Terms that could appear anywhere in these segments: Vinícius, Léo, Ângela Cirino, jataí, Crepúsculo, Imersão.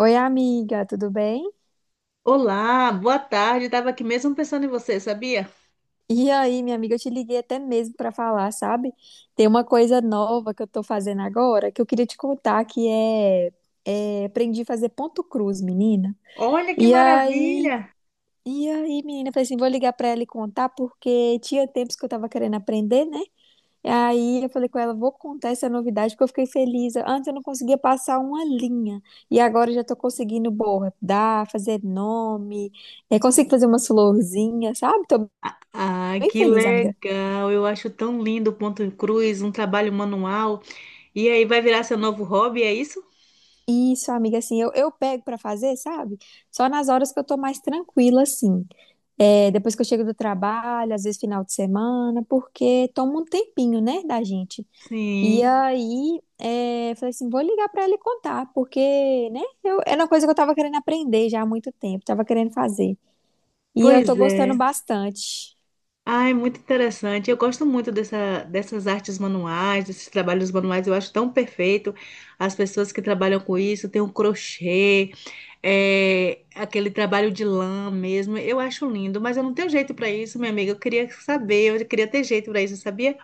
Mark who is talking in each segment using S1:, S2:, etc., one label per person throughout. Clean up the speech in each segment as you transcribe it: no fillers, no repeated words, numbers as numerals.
S1: Oi, amiga, tudo bem?
S2: Olá, boa tarde. Estava aqui mesmo pensando em você, sabia?
S1: E aí, minha amiga, eu te liguei até mesmo para falar, sabe? Tem uma coisa nova que eu tô fazendo agora que eu queria te contar que aprendi a fazer ponto cruz, menina.
S2: Olha que
S1: E aí,
S2: maravilha!
S1: e aí, menina, eu falei assim, vou ligar para ela e contar porque tinha tempos que eu tava querendo aprender, né? E aí eu falei com ela, vou contar essa novidade porque eu fiquei feliz. Antes eu não conseguia passar uma linha e agora eu já tô conseguindo bordar, fazer nome, consigo fazer umas florzinhas, sabe? Tô
S2: Ah,
S1: bem
S2: que
S1: feliz, amiga.
S2: legal! Eu acho tão lindo o ponto em cruz, um trabalho manual. E aí vai virar seu novo hobby, é isso?
S1: Isso, amiga, assim, eu pego pra fazer, sabe? Só nas horas que eu tô mais tranquila, assim. É, depois que eu chego do trabalho, às vezes final de semana, porque toma um tempinho, né, da gente. E
S2: Sim,
S1: aí, falei assim, vou ligar pra ele contar, porque, né, eu, era uma coisa que eu tava querendo aprender já há muito tempo, tava querendo fazer. E eu tô
S2: pois
S1: gostando
S2: é.
S1: bastante.
S2: Ah, é muito interessante. Eu gosto muito dessas artes manuais, desses trabalhos manuais. Eu acho tão perfeito. As pessoas que trabalham com isso, tem o crochê. É, aquele trabalho de lã mesmo, eu acho lindo, mas eu não tenho jeito pra isso, minha amiga. Eu queria saber, eu queria ter jeito pra isso, sabia?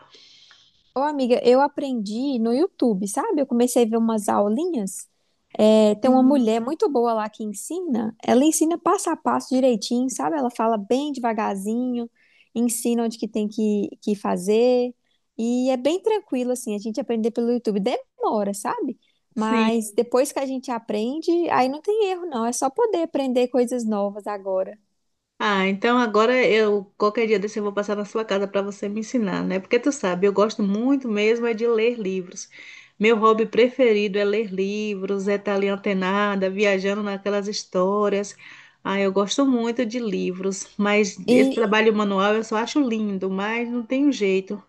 S1: Ô, amiga, eu aprendi no YouTube, sabe? Eu comecei a ver umas aulinhas. É, tem uma
S2: Sim.
S1: mulher muito boa lá que ensina. Ela ensina passo a passo direitinho, sabe? Ela fala bem devagarzinho, ensina onde que tem que fazer. E é bem tranquilo, assim, a gente aprender pelo YouTube. Demora, sabe?
S2: Sim.
S1: Mas depois que a gente aprende, aí não tem erro, não. É só poder aprender coisas novas agora.
S2: Ah, então agora eu qualquer dia desse eu vou passar na sua casa pra você me ensinar, né? Porque tu sabe, eu gosto muito mesmo é de ler livros. Meu hobby preferido é ler livros, é estar ali antenada, viajando naquelas histórias. Ah, eu gosto muito de livros, mas esse
S1: E
S2: trabalho manual eu só acho lindo, mas não tem jeito.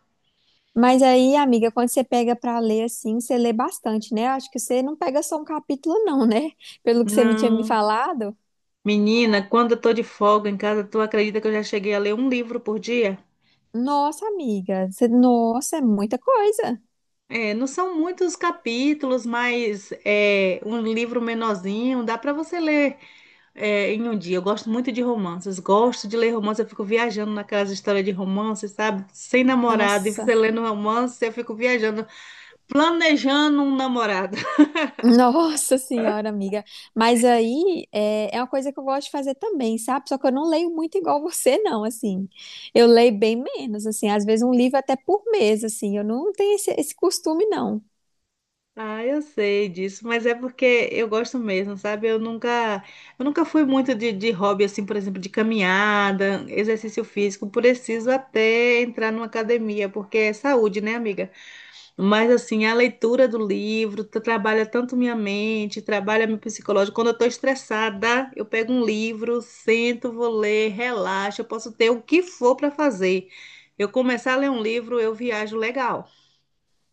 S1: mas aí, amiga, quando você pega pra ler assim, você lê bastante, né? Eu acho que você não pega só um capítulo, não, né? Pelo que você me tinha me
S2: Não.
S1: falado.
S2: Menina, quando eu tô de folga em casa, tu acredita que eu já cheguei a ler um livro por dia?
S1: Nossa, amiga, nossa, é muita coisa.
S2: É, não são muitos capítulos, mas é um livro menorzinho, dá para você ler é, em um dia. Eu gosto muito de romances, gosto de ler romances, eu fico viajando naquelas histórias de romances, sabe? Sem namorado, e você
S1: Nossa,
S2: lendo romance, eu fico viajando, planejando um namorado.
S1: nossa senhora, amiga. Mas aí é uma coisa que eu gosto de fazer também, sabe? Só que eu não leio muito igual você, não, assim. Eu leio bem menos, assim. Às vezes um livro até por mês, assim. Eu não tenho esse costume, não.
S2: Ah, eu sei disso, mas é porque eu gosto mesmo, sabe? Eu nunca fui muito de hobby, assim, por exemplo, de caminhada, exercício físico. Preciso até entrar numa academia, porque é saúde, né, amiga? Mas, assim, a leitura do livro trabalha tanto minha mente, trabalha meu psicológico. Quando eu tô estressada, eu pego um livro, sento, vou ler, relaxo, eu posso ter o que for para fazer. Eu começar a ler um livro, eu viajo legal.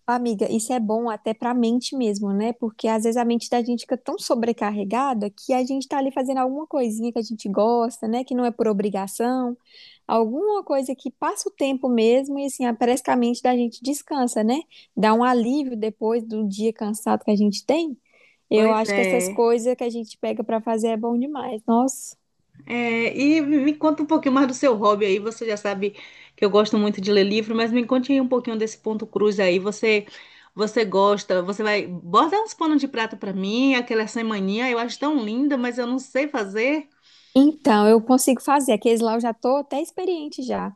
S1: Amiga, isso é bom até para a mente mesmo, né? Porque às vezes a mente da gente fica tão sobrecarregada que a gente tá ali fazendo alguma coisinha que a gente gosta, né? Que não é por obrigação, alguma coisa que passa o tempo mesmo e assim, ah, parece que a mente da gente descansa, né? Dá um alívio depois do dia cansado que a gente tem. Eu
S2: Pois
S1: acho que essas
S2: é.
S1: coisas que a gente pega para fazer é bom demais. Nossa.
S2: É, e me conta um pouquinho mais do seu hobby aí. Você já sabe que eu gosto muito de ler livro, mas me conte aí um pouquinho desse ponto cruz aí. Você gosta? Você vai bota uns panos de prata pra mim, aquela semaninha eu acho tão linda, mas eu não sei fazer.
S1: Então, eu consigo fazer. Aqueles lá eu já tô até experiente já.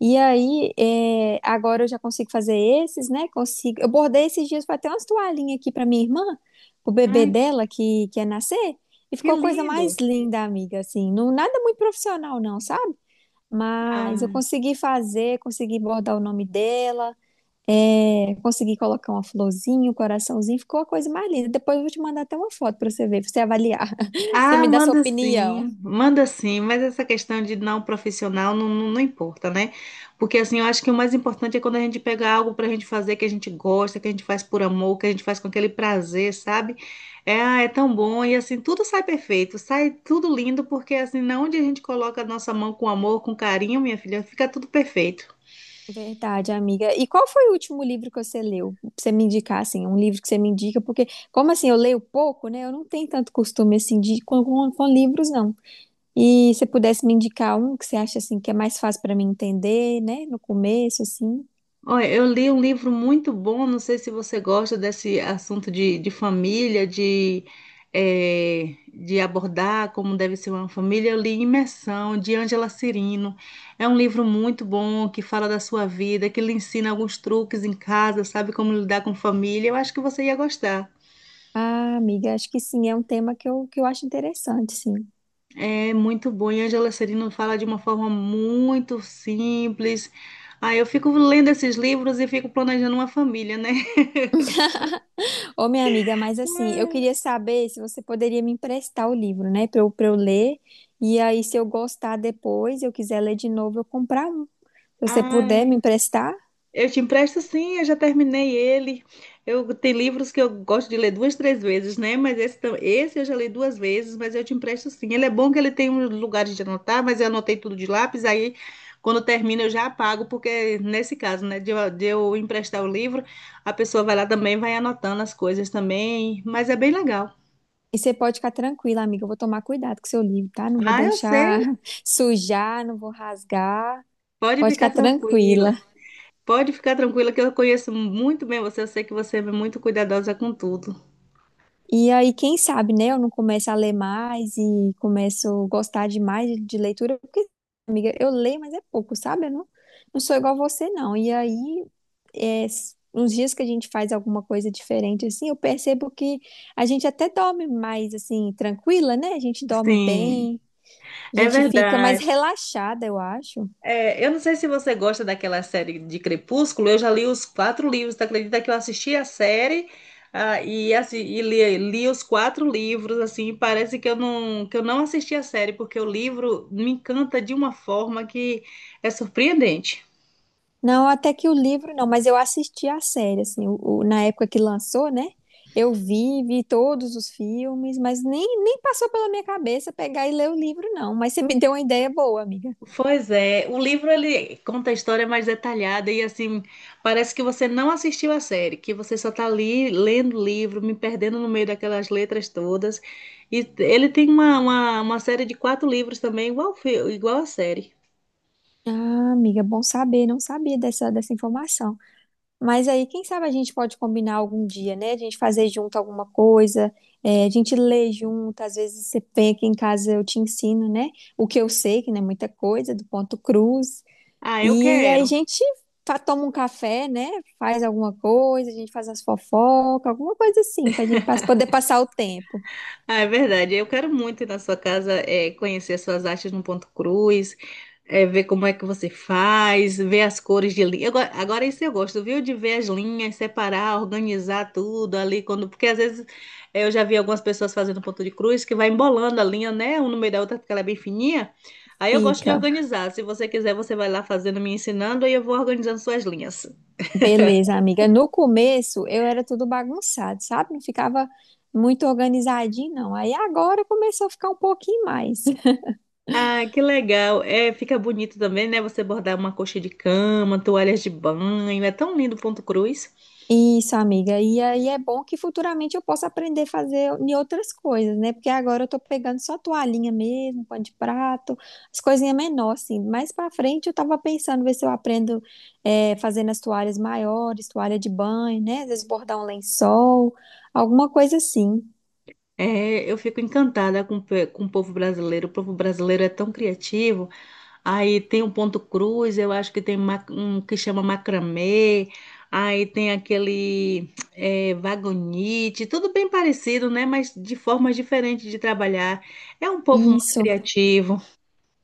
S1: E aí, agora eu já consigo fazer esses, né? Consigo. Eu bordei esses dias, foi até umas toalhinhas aqui pra minha irmã, pro bebê
S2: Ai,
S1: dela que ia nascer, e
S2: que
S1: ficou a coisa mais
S2: lindo!
S1: linda, amiga, assim. Não, nada muito profissional não, sabe? Mas eu
S2: Ah.
S1: consegui fazer, consegui bordar o nome dela, consegui colocar uma florzinha, um coraçãozinho, ficou a coisa mais linda. Depois eu vou te mandar até uma foto pra você ver, pra você avaliar. Você
S2: Ah,
S1: me dá sua opinião.
S2: manda sim, mas essa questão de não profissional não importa, né? Porque assim, eu acho que o mais importante é quando a gente pega algo pra gente fazer que a gente gosta, que a gente faz por amor, que a gente faz com aquele prazer, sabe? É, ah, é tão bom e assim, tudo sai perfeito, sai tudo lindo, porque assim, na onde a gente coloca a nossa mão com amor, com carinho, minha filha, fica tudo perfeito.
S1: Verdade, amiga. E qual foi o último livro que você leu? Pra você me indicar, assim, um livro que você me indica, porque, como assim, eu leio pouco, né? Eu não tenho tanto costume, assim, com livros, não. E se pudesse me indicar um que você acha, assim, que é mais fácil para mim entender, né? No começo, assim.
S2: Olha, eu li um livro muito bom, não sei se você gosta desse assunto de família, de abordar como deve ser uma família. Eu li Imersão, de Ângela Cirino. É um livro muito bom que fala da sua vida, que lhe ensina alguns truques em casa, sabe como lidar com família. Eu acho que você ia gostar.
S1: Ah, amiga, acho que sim, é um tema que eu acho interessante, sim.
S2: É muito bom. E Ângela Cirino fala de uma forma muito simples. Ah, eu fico lendo esses livros e fico planejando uma família, né?
S1: Ô, minha amiga, mas assim, eu queria saber se você poderia me emprestar o livro, né? Pra eu ler. E aí, se eu gostar depois, eu quiser ler de novo, eu comprar um. Se você puder
S2: Ah,
S1: me emprestar.
S2: eu te empresto sim, eu já terminei ele. Eu tem livros que eu gosto de ler duas, três vezes, né? Mas esse, esse eu já li duas vezes, mas eu te empresto sim. Ele é bom que ele tem um lugar de anotar, mas eu anotei tudo de lápis, aí quando termina eu já apago, porque nesse caso, né, de eu emprestar o livro, a pessoa vai lá também, vai anotando as coisas também, mas é bem legal.
S1: E você pode ficar tranquila, amiga. Eu vou tomar cuidado com seu livro, tá? Não vou
S2: Ah, eu sei.
S1: deixar sujar, não vou rasgar.
S2: Pode
S1: Pode
S2: ficar
S1: ficar tranquila.
S2: tranquila. Pode ficar tranquila que eu conheço muito bem você, eu sei que você é muito cuidadosa com tudo.
S1: E aí, quem sabe, né? Eu não começo a ler mais e começo a gostar demais de leitura, porque, amiga, eu leio, mas é pouco, sabe? Eu não, não sou igual você, não. E aí, uns dias que a gente faz alguma coisa diferente, assim, eu percebo que a gente até dorme mais, assim, tranquila, né? A gente dorme
S2: Sim.
S1: bem, a
S2: É
S1: gente fica mais
S2: verdade.
S1: relaxada, eu acho.
S2: É, eu não sei se você gosta daquela série de Crepúsculo, eu já li os quatro livros, tu acredita que eu assisti a série, ah, e, assim, e li, li os quatro livros, assim, parece que eu não assisti a série, porque o livro me encanta de uma forma que é surpreendente.
S1: Não, até que o livro não, mas eu assisti a série, assim, na época que lançou, né? Eu vi todos os filmes, mas nem passou pela minha cabeça pegar e ler o livro, não. Mas você me deu uma ideia boa, amiga.
S2: Pois é, o livro ele conta a história mais detalhada e assim, parece que você não assistiu a série, que você só tá ali lendo o livro, me perdendo no meio daquelas letras todas. E ele tem uma série de quatro livros também, igual, igual a série.
S1: Ah, amiga, bom saber, não sabia dessa informação. Mas aí, quem sabe a gente pode combinar algum dia, né? A gente fazer junto alguma coisa, a gente lê junto, às vezes você vem aqui em casa, eu te ensino, né? O que eu sei, que não é muita coisa, do ponto cruz.
S2: Ah, eu
S1: E aí a
S2: quero.
S1: gente toma um café, né? Faz alguma coisa, a gente faz as fofocas, alguma coisa assim, pra gente poder passar o tempo.
S2: Ah, é verdade. Eu quero muito ir na sua casa, é, conhecer as suas artes no ponto cruz, é, ver como é que você faz, ver as cores de linha. Agora isso eu gosto, viu? De ver as linhas, separar, organizar tudo ali quando, porque às vezes é, eu já vi algumas pessoas fazendo ponto de cruz que vai embolando a linha, né? Um no meio da outra porque ela é bem fininha. Aí eu gosto de
S1: Fica.
S2: organizar. Se você quiser, você vai lá fazendo, me ensinando, aí eu vou organizando suas linhas.
S1: Beleza, amiga. No começo eu era tudo bagunçado, sabe? Não ficava muito organizadinho, não. Aí agora começou a ficar um pouquinho mais.
S2: Ah, que legal. É, fica bonito também, né? Você bordar uma coxa de cama, toalhas de banho. É tão lindo o Ponto Cruz.
S1: Isso, amiga. E aí é bom que futuramente eu possa aprender a fazer em outras coisas, né? Porque agora eu tô pegando só toalhinha mesmo, pano de prato, as coisinhas menores, assim. Mais pra frente eu tava pensando ver se eu aprendo fazendo as toalhas maiores, toalha de banho, né? Às vezes bordar um lençol, alguma coisa assim.
S2: É, eu fico encantada com, com o povo brasileiro. O povo brasileiro é tão criativo. Aí tem o Ponto Cruz, eu acho que tem um que chama macramê. Aí tem aquele é, vagonite. Tudo bem parecido, né? Mas de formas diferentes de trabalhar. É um povo muito
S1: Isso.
S2: criativo.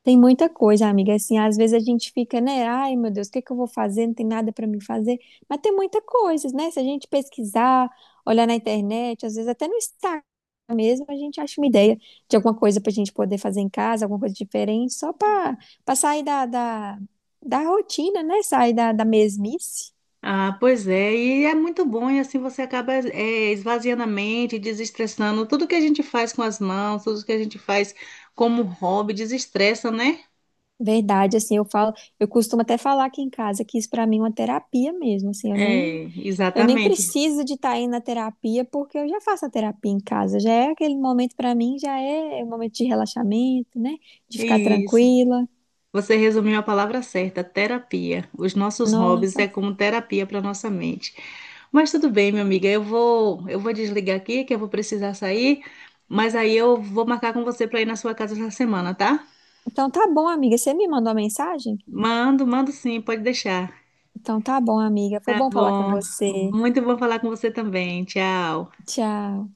S1: Tem muita coisa, amiga. Assim, às vezes a gente fica, né? Ai, meu Deus, o que eu vou fazer? Não tem nada para mim fazer. Mas tem muita coisa, né? Se a gente pesquisar, olhar na internet, às vezes até no Instagram mesmo, a gente acha uma ideia de alguma coisa para a gente poder fazer em casa, alguma coisa diferente, só para para sair da rotina, né? Sair da mesmice.
S2: Ah, pois é, e é muito bom, e assim você acaba eh, esvaziando a mente, desestressando. Tudo que a gente faz com as mãos, tudo que a gente faz como hobby, desestressa, né?
S1: Verdade, assim, eu falo, eu costumo até falar aqui em casa que isso para mim é uma terapia mesmo,
S2: É,
S1: Eu nem
S2: exatamente.
S1: preciso de estar aí na terapia, porque eu já faço a terapia em casa. Já é aquele momento para mim, já é um momento de relaxamento, né? De ficar
S2: Isso.
S1: tranquila.
S2: Você resumiu a palavra certa, terapia. Os nossos hobbies é
S1: Nossa.
S2: como terapia para nossa mente. Mas tudo bem, minha amiga, eu vou desligar aqui, que eu vou precisar sair, mas aí eu vou marcar com você para ir na sua casa essa semana, tá?
S1: Então tá bom, amiga. Você me mandou uma mensagem?
S2: Mando, mando sim, pode deixar.
S1: Então tá bom, amiga. Foi
S2: Tá
S1: bom falar com
S2: bom.
S1: você.
S2: Muito bom falar com você também. Tchau.
S1: Tchau.